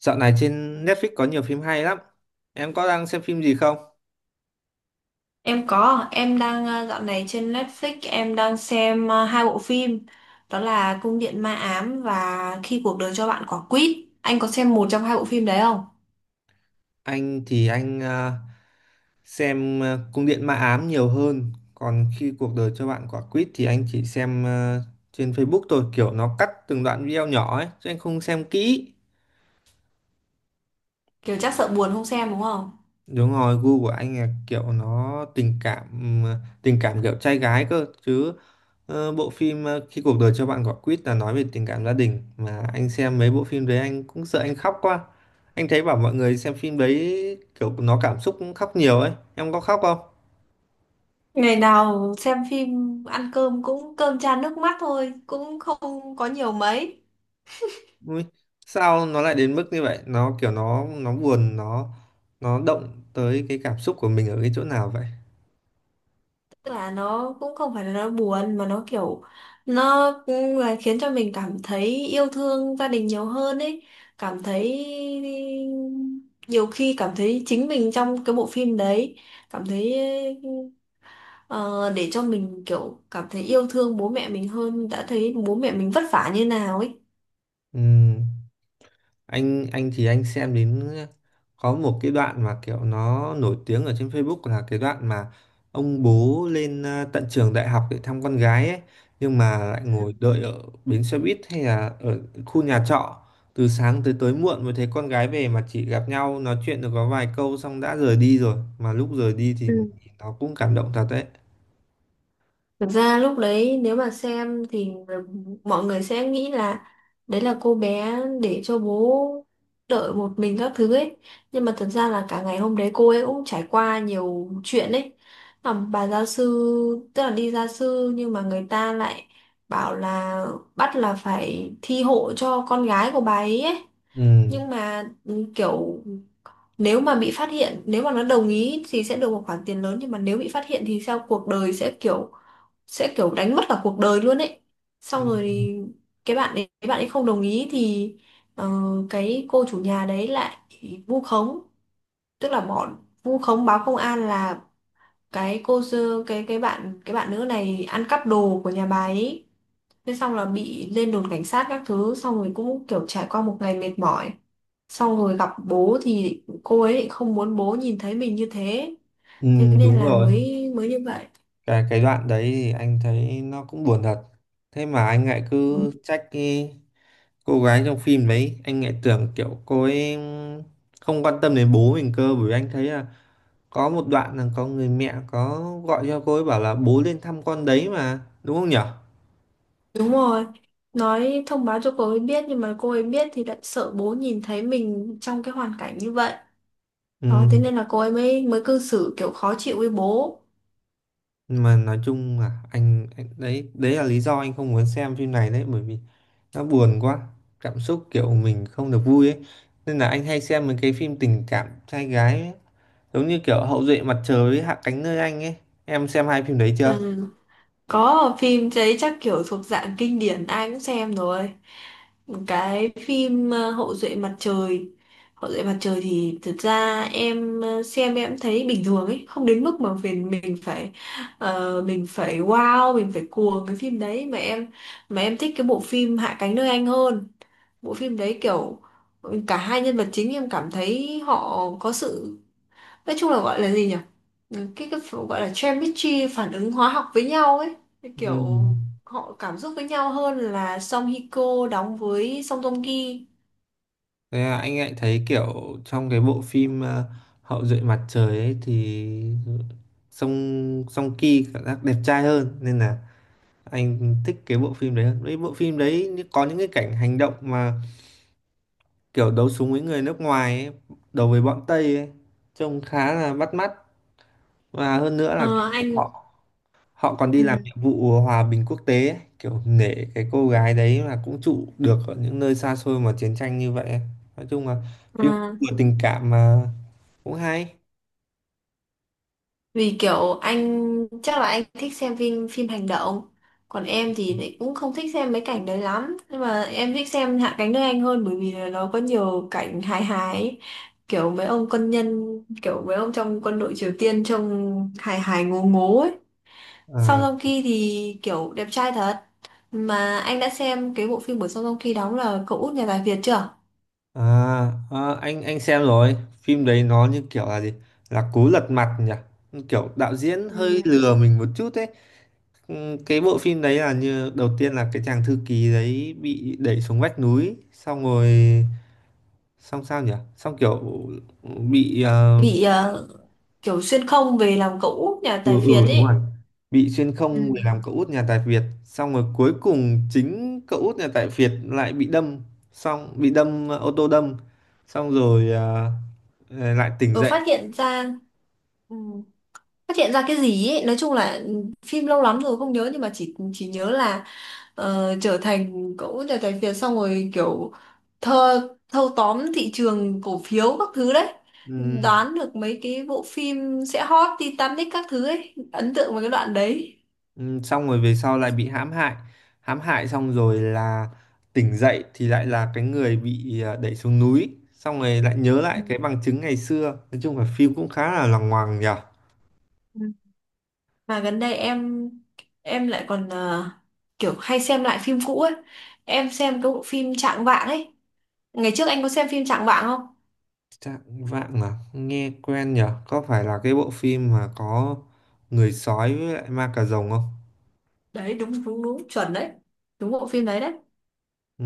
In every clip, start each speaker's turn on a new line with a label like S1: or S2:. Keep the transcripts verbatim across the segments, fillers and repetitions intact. S1: Dạo này trên Netflix có nhiều phim hay lắm. Em có đang xem phim gì không?
S2: Em có, em đang ờ, dạo này trên Netflix em đang xem ờ, hai bộ phim đó là Cung điện ma ám và Khi cuộc đời cho bạn quả quýt. Anh có xem một trong hai bộ phim đấy không?
S1: Anh thì anh ờ, xem ờ, Cung điện ma ám nhiều hơn. Còn khi cuộc đời cho bạn quả quýt thì anh chỉ xem ờ, trên Facebook thôi. Kiểu nó cắt từng đoạn video nhỏ ấy. Chứ anh không xem kỹ.
S2: Kiểu chắc sợ buồn không xem đúng không?
S1: Đúng rồi, gu của anh là kiểu nó tình cảm ừm, tình cảm kiểu trai gái cơ chứ. Ờ, bộ phim ờ, Khi cuộc đời cho bạn quả quýt là nói về tình cảm gia đình, mà anh xem mấy bộ phim đấy anh cũng sợ anh khóc quá. Anh thấy bảo mọi người xem phim đấy kiểu nó cảm xúc cũng khóc nhiều ấy. Em có khóc không?
S2: Ngày nào xem phim ăn cơm cũng cơm chan nước mắt thôi, cũng không có nhiều mấy.
S1: Ui, sao nó lại đến mức như vậy? Nó kiểu nó nó buồn, nó nó động tới cái cảm xúc của mình ở cái chỗ nào vậy?
S2: Tức là nó cũng không phải là nó buồn mà nó kiểu nó cũng là khiến cho mình cảm thấy yêu thương gia đình nhiều hơn ấy. Cảm thấy Nhiều khi cảm thấy chính mình trong cái bộ phim đấy. cảm thấy ờ, để cho mình kiểu cảm thấy yêu thương bố mẹ mình hơn, đã thấy bố mẹ mình vất vả như nào ấy.
S1: Ừ. anh anh thì anh xem đến có một cái đoạn mà kiểu nó nổi tiếng ở trên Facebook là cái đoạn mà ông bố lên à, tận trường đại học để thăm con gái ấy, nhưng mà lại ngồi đợi ở bến xe buýt hay là ở khu nhà trọ từ sáng tới tối muộn mới thấy con gái về, mà chỉ gặp nhau nói chuyện được có vài câu xong đã rời đi rồi, mà lúc rời đi thì
S2: Ừ.
S1: nó cũng cảm động thật đấy.
S2: Thực ra lúc đấy nếu mà xem thì mọi người sẽ nghĩ là đấy là cô bé để cho bố đợi một mình các thứ ấy. Nhưng mà thật ra là cả ngày hôm đấy cô ấy cũng trải qua nhiều chuyện ấy. À, bà gia sư, tức là đi gia sư, nhưng mà người ta lại bảo là bắt là phải thi hộ cho con gái của bà ấy ấy.
S1: ừ,
S2: Nhưng mà ừ, kiểu nếu mà bị phát hiện, nếu mà nó đồng ý thì sẽ được một khoản tiền lớn, nhưng mà nếu bị phát hiện thì sao cuộc đời sẽ kiểu sẽ kiểu đánh mất cả cuộc đời luôn ấy.
S1: ừ
S2: Xong rồi thì cái bạn ấy bạn ấy không đồng ý thì ờ, cái cô chủ nhà đấy lại vu khống, tức là bọn vu khống báo công an là cái cô sơ- cái cái bạn cái bạn nữ này ăn cắp đồ của nhà bà ấy. Thế xong là bị lên đồn cảnh sát các thứ, xong rồi cũng kiểu trải qua một ngày mệt mỏi, xong rồi gặp bố thì cô ấy lại không muốn bố nhìn thấy mình như thế,
S1: ừ,
S2: thế nên
S1: Đúng
S2: là
S1: rồi,
S2: mới mới như vậy.
S1: cái cái đoạn đấy thì anh thấy nó cũng buồn thật. Thế mà anh lại cứ trách cái cô gái trong phim đấy, anh lại tưởng kiểu cô ấy không quan tâm đến bố mình cơ, bởi vì anh thấy là có một đoạn là có người mẹ có gọi cho cô ấy bảo là bố lên thăm con đấy mà, đúng không nhở?
S2: Đúng rồi, nói thông báo cho cô ấy biết, nhưng mà cô ấy biết thì lại sợ bố nhìn thấy mình trong cái hoàn cảnh như vậy.
S1: Ừ.
S2: Đó, thế nên là cô ấy mới mới cư xử kiểu khó chịu với bố.
S1: Mà nói chung là anh, anh đấy đấy là lý do anh không muốn xem phim này đấy, bởi vì nó buồn quá, cảm xúc kiểu mình không được vui ấy, nên là anh hay xem mấy cái phim tình cảm trai gái ấy. Giống như kiểu Hậu duệ mặt trời với Hạ cánh nơi anh ấy, em xem hai phim đấy chưa?
S2: Ừ. Có, phim đấy chắc kiểu thuộc dạng kinh điển, ai cũng xem rồi. Cái phim ờ, Hậu duệ mặt trời. Hậu duệ mặt trời thì thực ra em ờ, xem em thấy bình thường ấy, không đến mức mà mình mình phải ờ, mình phải wow, mình phải cuồng cái phim đấy, mà em mà em thích cái bộ phim Hạ cánh nơi anh hơn. Bộ phim đấy kiểu cả hai nhân vật chính em cảm thấy họ có sự, nói chung là gọi là gì nhỉ. Ừ, cái cái ph- gọi là chemistry, phản ứng hóa học với nhau ấy. Cái
S1: Ừ.
S2: kiểu họ cảm xúc với nhau hơn là Song Hye Kyo đóng với Song Joong Ki.
S1: Thế là anh lại thấy kiểu trong cái bộ phim ờ, Hậu duệ mặt trời ấy thì Song Song Ki cảm giác đẹp trai hơn, nên là anh thích cái bộ phim đấy hơn. Với bộ phim đấy như- có những cái cảnh hành động mà kiểu đấu súng với người nước ngoài ấy, đấu với bọn Tây ấy, trông khá là bắt mắt. Và hơn nữa là cảnh
S2: Ờ, anh.
S1: họ họ còn đi
S2: Ừ.
S1: làm nhiệm vụ hòa bình quốc tế ấy, kiểu nể cái cô gái đấy mà cũng trụ được ở những nơi xa xôi mà chiến tranh như vậy. Nói chung là
S2: ờ,
S1: phim vừa tình cảm mà cũng hay.
S2: Vì kiểu anh, chắc là anh thích xem phim phim hành động, còn em thì lại cũng không thích xem mấy cảnh đấy lắm, nhưng mà em thích xem Hạ cánh nơi anh hơn bởi vì là nó có nhiều cảnh hài hài ấy. kiểu mấy ông quân nhân Kiểu mấy ông trong quân đội Triều Tiên trông hài hài ngố ngố ấy. Song
S1: à,
S2: Joong Ki thì kiểu đẹp trai thật. Mà anh đã xem cái bộ phim của Song Joong Ki đóng là cậu út nhà tài phiệt chưa?
S1: à, À, anh anh xem rồi. Phim đấy nó như kiểu là gì, là cú lật mặt nhỉ, kiểu đạo diễn
S2: Ừ.
S1: hơi lừa mình một chút ấy. Ừ, cái bộ phim đấy là như đầu tiên là cái chàng thư ký đấy bị đẩy xuống vách núi xong rồi, xong sao nhỉ, xong kiểu bị ờ,
S2: Bị ờ, kiểu xuyên không về làm cậu út nhà
S1: ừ
S2: tài
S1: ừ
S2: phiệt
S1: đúng rồi,
S2: ấy.
S1: bị xuyên không
S2: Ừ.
S1: để làm cậu út nhà tài phiệt, xong rồi cuối cùng chính cậu út nhà tài phiệt lại bị đâm, xong bị đâm ờ, ô tô đâm, xong rồi ờ, ờ, lại tỉnh
S2: Ờ,
S1: dậy.
S2: phát hiện ra Ừ. Phát hiện ra cái gì ấy. Nói chung là ừ, phim lâu lắm rồi không nhớ, nhưng mà chỉ chỉ nhớ là ờ, trở thành cậu út nhà tài phiệt, xong rồi kiểu thơ thâu tóm thị trường cổ phiếu các thứ đấy,
S1: Ừm,
S2: đoán được mấy cái bộ phim sẽ hot, Titanic các thứ ấy, ấn tượng với cái đoạn đấy.
S1: ừm, Xong rồi về sau lại bị hãm hại, hãm hại xong rồi là tỉnh dậy thì lại là cái người bị ờ, đẩy xuống núi, xong rồi lại nhớ
S2: Ừ.
S1: lại cái bằng chứng ngày xưa. Nói chung là phim cũng khá là lằng ngoằng nhỉ.
S2: Ừ. Mà gần đây em em lại còn ờ, kiểu hay xem lại phim cũ ấy. Em xem cái bộ phim Trạng Vạng ấy. Ngày trước anh có xem phim Trạng Vạng không?
S1: Trạng vạng à? Nghe quen nhở? Có phải là cái bộ phim mà có người sói với lại ma cà rồng không?
S2: Đấy đúng đúng đúng, chuẩn đấy, đúng bộ phim đấy đấy.
S1: Ừ.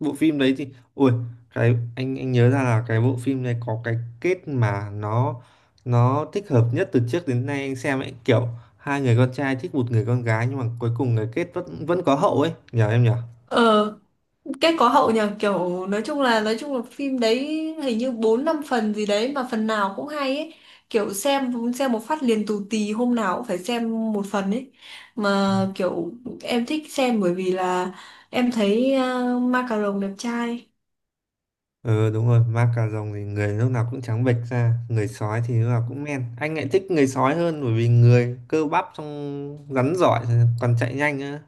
S1: Bộ phim đấy thì... Ui, cái anh anh nhớ ra là cái bộ phim này có cái kết mà nó nó thích hợp nhất từ trước đến nay anh xem ấy. Kiểu hai người con trai thích một người con gái nhưng mà cuối cùng cái kết vẫn vẫn có hậu ấy. Nhờ em nhở?
S2: ờ Kết có hậu nhờ, kiểu nói chung là nói chung là phim đấy hình như bốn năm phần gì đấy mà phần nào cũng hay ấy. Kiểu xem xem một phát liền tù tì, hôm nào cũng phải xem một phần ấy. Mà kiểu em thích xem bởi vì là em thấy uh, Ma Cà Rồng đẹp trai.
S1: Ừ đúng rồi, ma cà rồng thì người lúc nào cũng trắng bệch ra, người sói thì lúc nào cũng men. Anh lại thích người sói hơn, bởi vì người cơ bắp xong rắn giỏi, còn chạy nhanh á.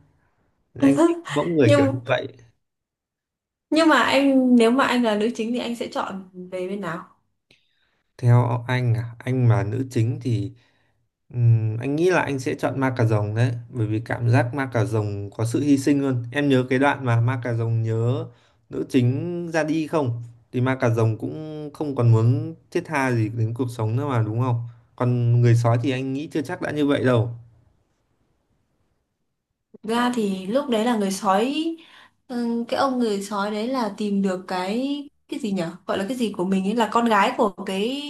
S1: Anh thích mẫu người kiểu như
S2: Nhưng
S1: vậy.
S2: nhưng mà anh, nếu mà anh là nữ chính thì anh sẽ chọn về bên nào?
S1: Theo anh à, anh mà nữ chính thì ừm, anh nghĩ là anh sẽ chọn ma cà rồng đấy, bởi vì cảm giác ma cà rồng có sự hy sinh. Luôn em nhớ cái đoạn mà ma cà rồng nhớ nữ chính ra đi không, thì ma cà rồng cũng không còn muốn thiết tha gì đến cuộc sống nữa mà, đúng không? Còn người sói thì anh nghĩ chưa chắc đã như vậy đâu.
S2: Ra thì lúc đấy là người sói. Ừ, cái ông người sói đấy là tìm được cái cái gì nhở, gọi là cái gì của mình ấy, là con gái của cái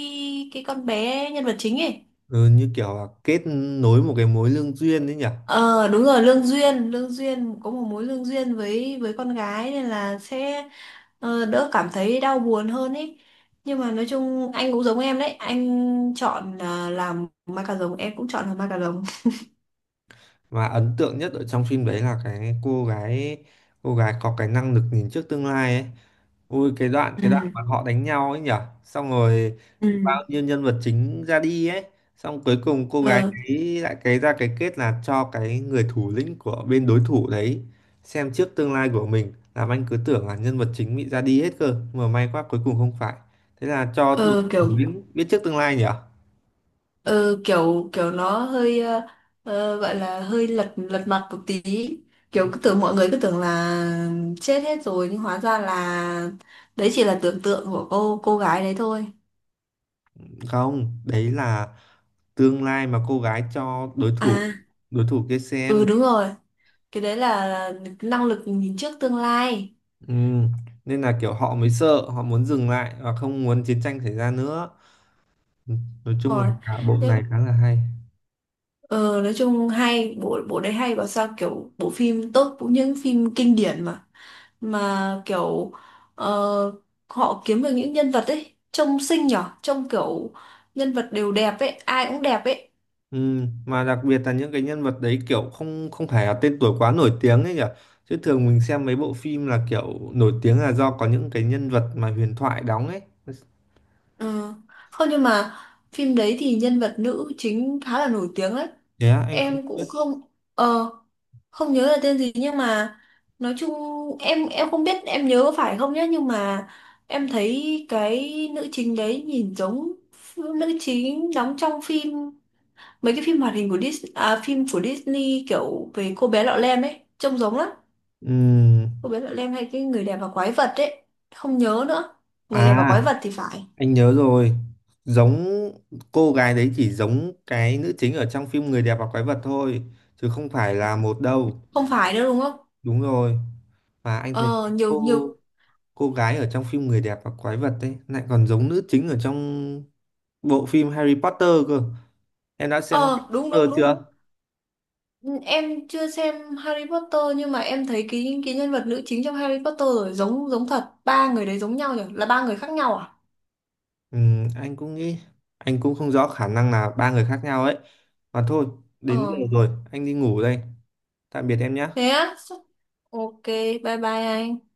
S2: cái con bé nhân vật chính ấy.
S1: Ừ, như kiểu là kết nối một cái mối lương duyên đấy nhỉ.
S2: ờ Đúng rồi, lương duyên, lương duyên có một mối lương duyên với với con gái, nên là sẽ ờ, đỡ cảm thấy đau buồn hơn ấy. Nhưng mà nói chung anh cũng giống em đấy, anh chọn là làm ma cà rồng, em cũng chọn làm ma cà rồng.
S1: Và ấn tượng nhất ở trong phim đấy là cái cô gái, cô gái có cái năng lực nhìn trước tương lai ấy. Ui, cái đoạn,
S2: Ừ,
S1: cái đoạn mà họ đánh nhau ấy nhở, xong rồi bao
S2: ừ.
S1: nhiêu nhân vật chính ra đi ấy, xong cuối cùng cô gái
S2: ờ
S1: ấy lại cái ra cái kết là cho cái người thủ lĩnh của bên đối thủ đấy xem trước tương lai của mình, làm anh cứ tưởng là nhân vật chính bị ra đi hết cơ, mà may quá cuối cùng không phải. Thế là cho đối
S2: ờ, Kiểu.
S1: thủ lĩnh biết trước tương lai nhở.
S2: Ừ, kiểu kiểu nó hơi ờ, ờ, gọi là hơi lật lật mặt một tí. Kiểu cứ tưởng Mọi người cứ tưởng là chết hết rồi nhưng hóa ra là đấy chỉ là tưởng tượng của cô cô gái đấy thôi.
S1: Không, đấy là tương lai mà cô gái cho đối thủ,
S2: À.
S1: đối thủ kia
S2: Ừ,
S1: xem.
S2: đúng rồi, cái đấy là năng lực nhìn trước tương lai.
S1: Ừ, nên là kiểu họ mới sợ, họ muốn dừng lại và không muốn chiến tranh xảy ra nữa. Ừ, nói
S2: Đúng
S1: chung là
S2: rồi.
S1: cả bộ
S2: Thế-
S1: này khá là hay.
S2: ờ, nói chung hay, bộ bộ đấy hay, bảo sao kiểu bộ phim tốt cũng những phim kinh điển mà. Mà kiểu ờ, họ kiếm được những nhân vật ấy trông xinh nhở, trông kiểu nhân vật đều đẹp ấy, ai cũng đẹp ấy.
S1: Ừ, mà đặc biệt là những cái nhân vật đấy kiểu không không phải là tên tuổi quá nổi tiếng ấy nhỉ, chứ thường mình xem mấy bộ phim là kiểu nổi tiếng là do có những cái nhân vật mà huyền thoại đóng ấy.
S2: Ừ. Không nhưng mà phim đấy thì nhân vật nữ chính khá là nổi tiếng đấy.
S1: Thế á, anh không
S2: Em
S1: biết.
S2: cũng không, ờ không nhớ là tên gì, nhưng mà nói chung em em không biết em nhớ có phải không nhé, nhưng mà em thấy cái nữ chính đấy nhìn giống nữ chính đóng trong phim, mấy cái phim hoạt hình của Disney à, phim của Disney kiểu về cô bé Lọ Lem ấy, trông giống lắm.
S1: Ừ.
S2: Cô bé Lọ Lem hay cái người đẹp và quái vật ấy, không nhớ nữa, người đẹp và
S1: À,
S2: quái vật thì phải.
S1: anh nhớ rồi, giống cô gái đấy chỉ giống cái nữ chính ở trong phim Người đẹp và quái vật thôi, chứ không phải là một đâu.
S2: Không phải nữa đúng không?
S1: Đúng rồi. Và anh thấy
S2: ờ Nhiều
S1: cô
S2: nhiều.
S1: cô gái ở trong phim Người đẹp và quái vật ấy lại còn giống nữ chính ở trong bộ phim Harry Potter cơ. Em đã xem Harry
S2: Ờ đúng
S1: Potter
S2: đúng đúng.
S1: chưa?
S2: Ừ, em chưa xem Harry Potter nhưng mà em thấy cái cái nhân vật nữ chính trong Harry Potter rồi, giống giống thật, ba người đấy giống nhau nhỉ, là ba người khác nhau à?
S1: Ừ, anh cũng nghĩ, anh cũng không rõ, khả năng là ba người khác nhau ấy. Mà thôi, đến giờ
S2: ờ
S1: rồi anh đi ngủ đây. Tạm biệt em nhé.
S2: Thế á. Ok, bye bye anh.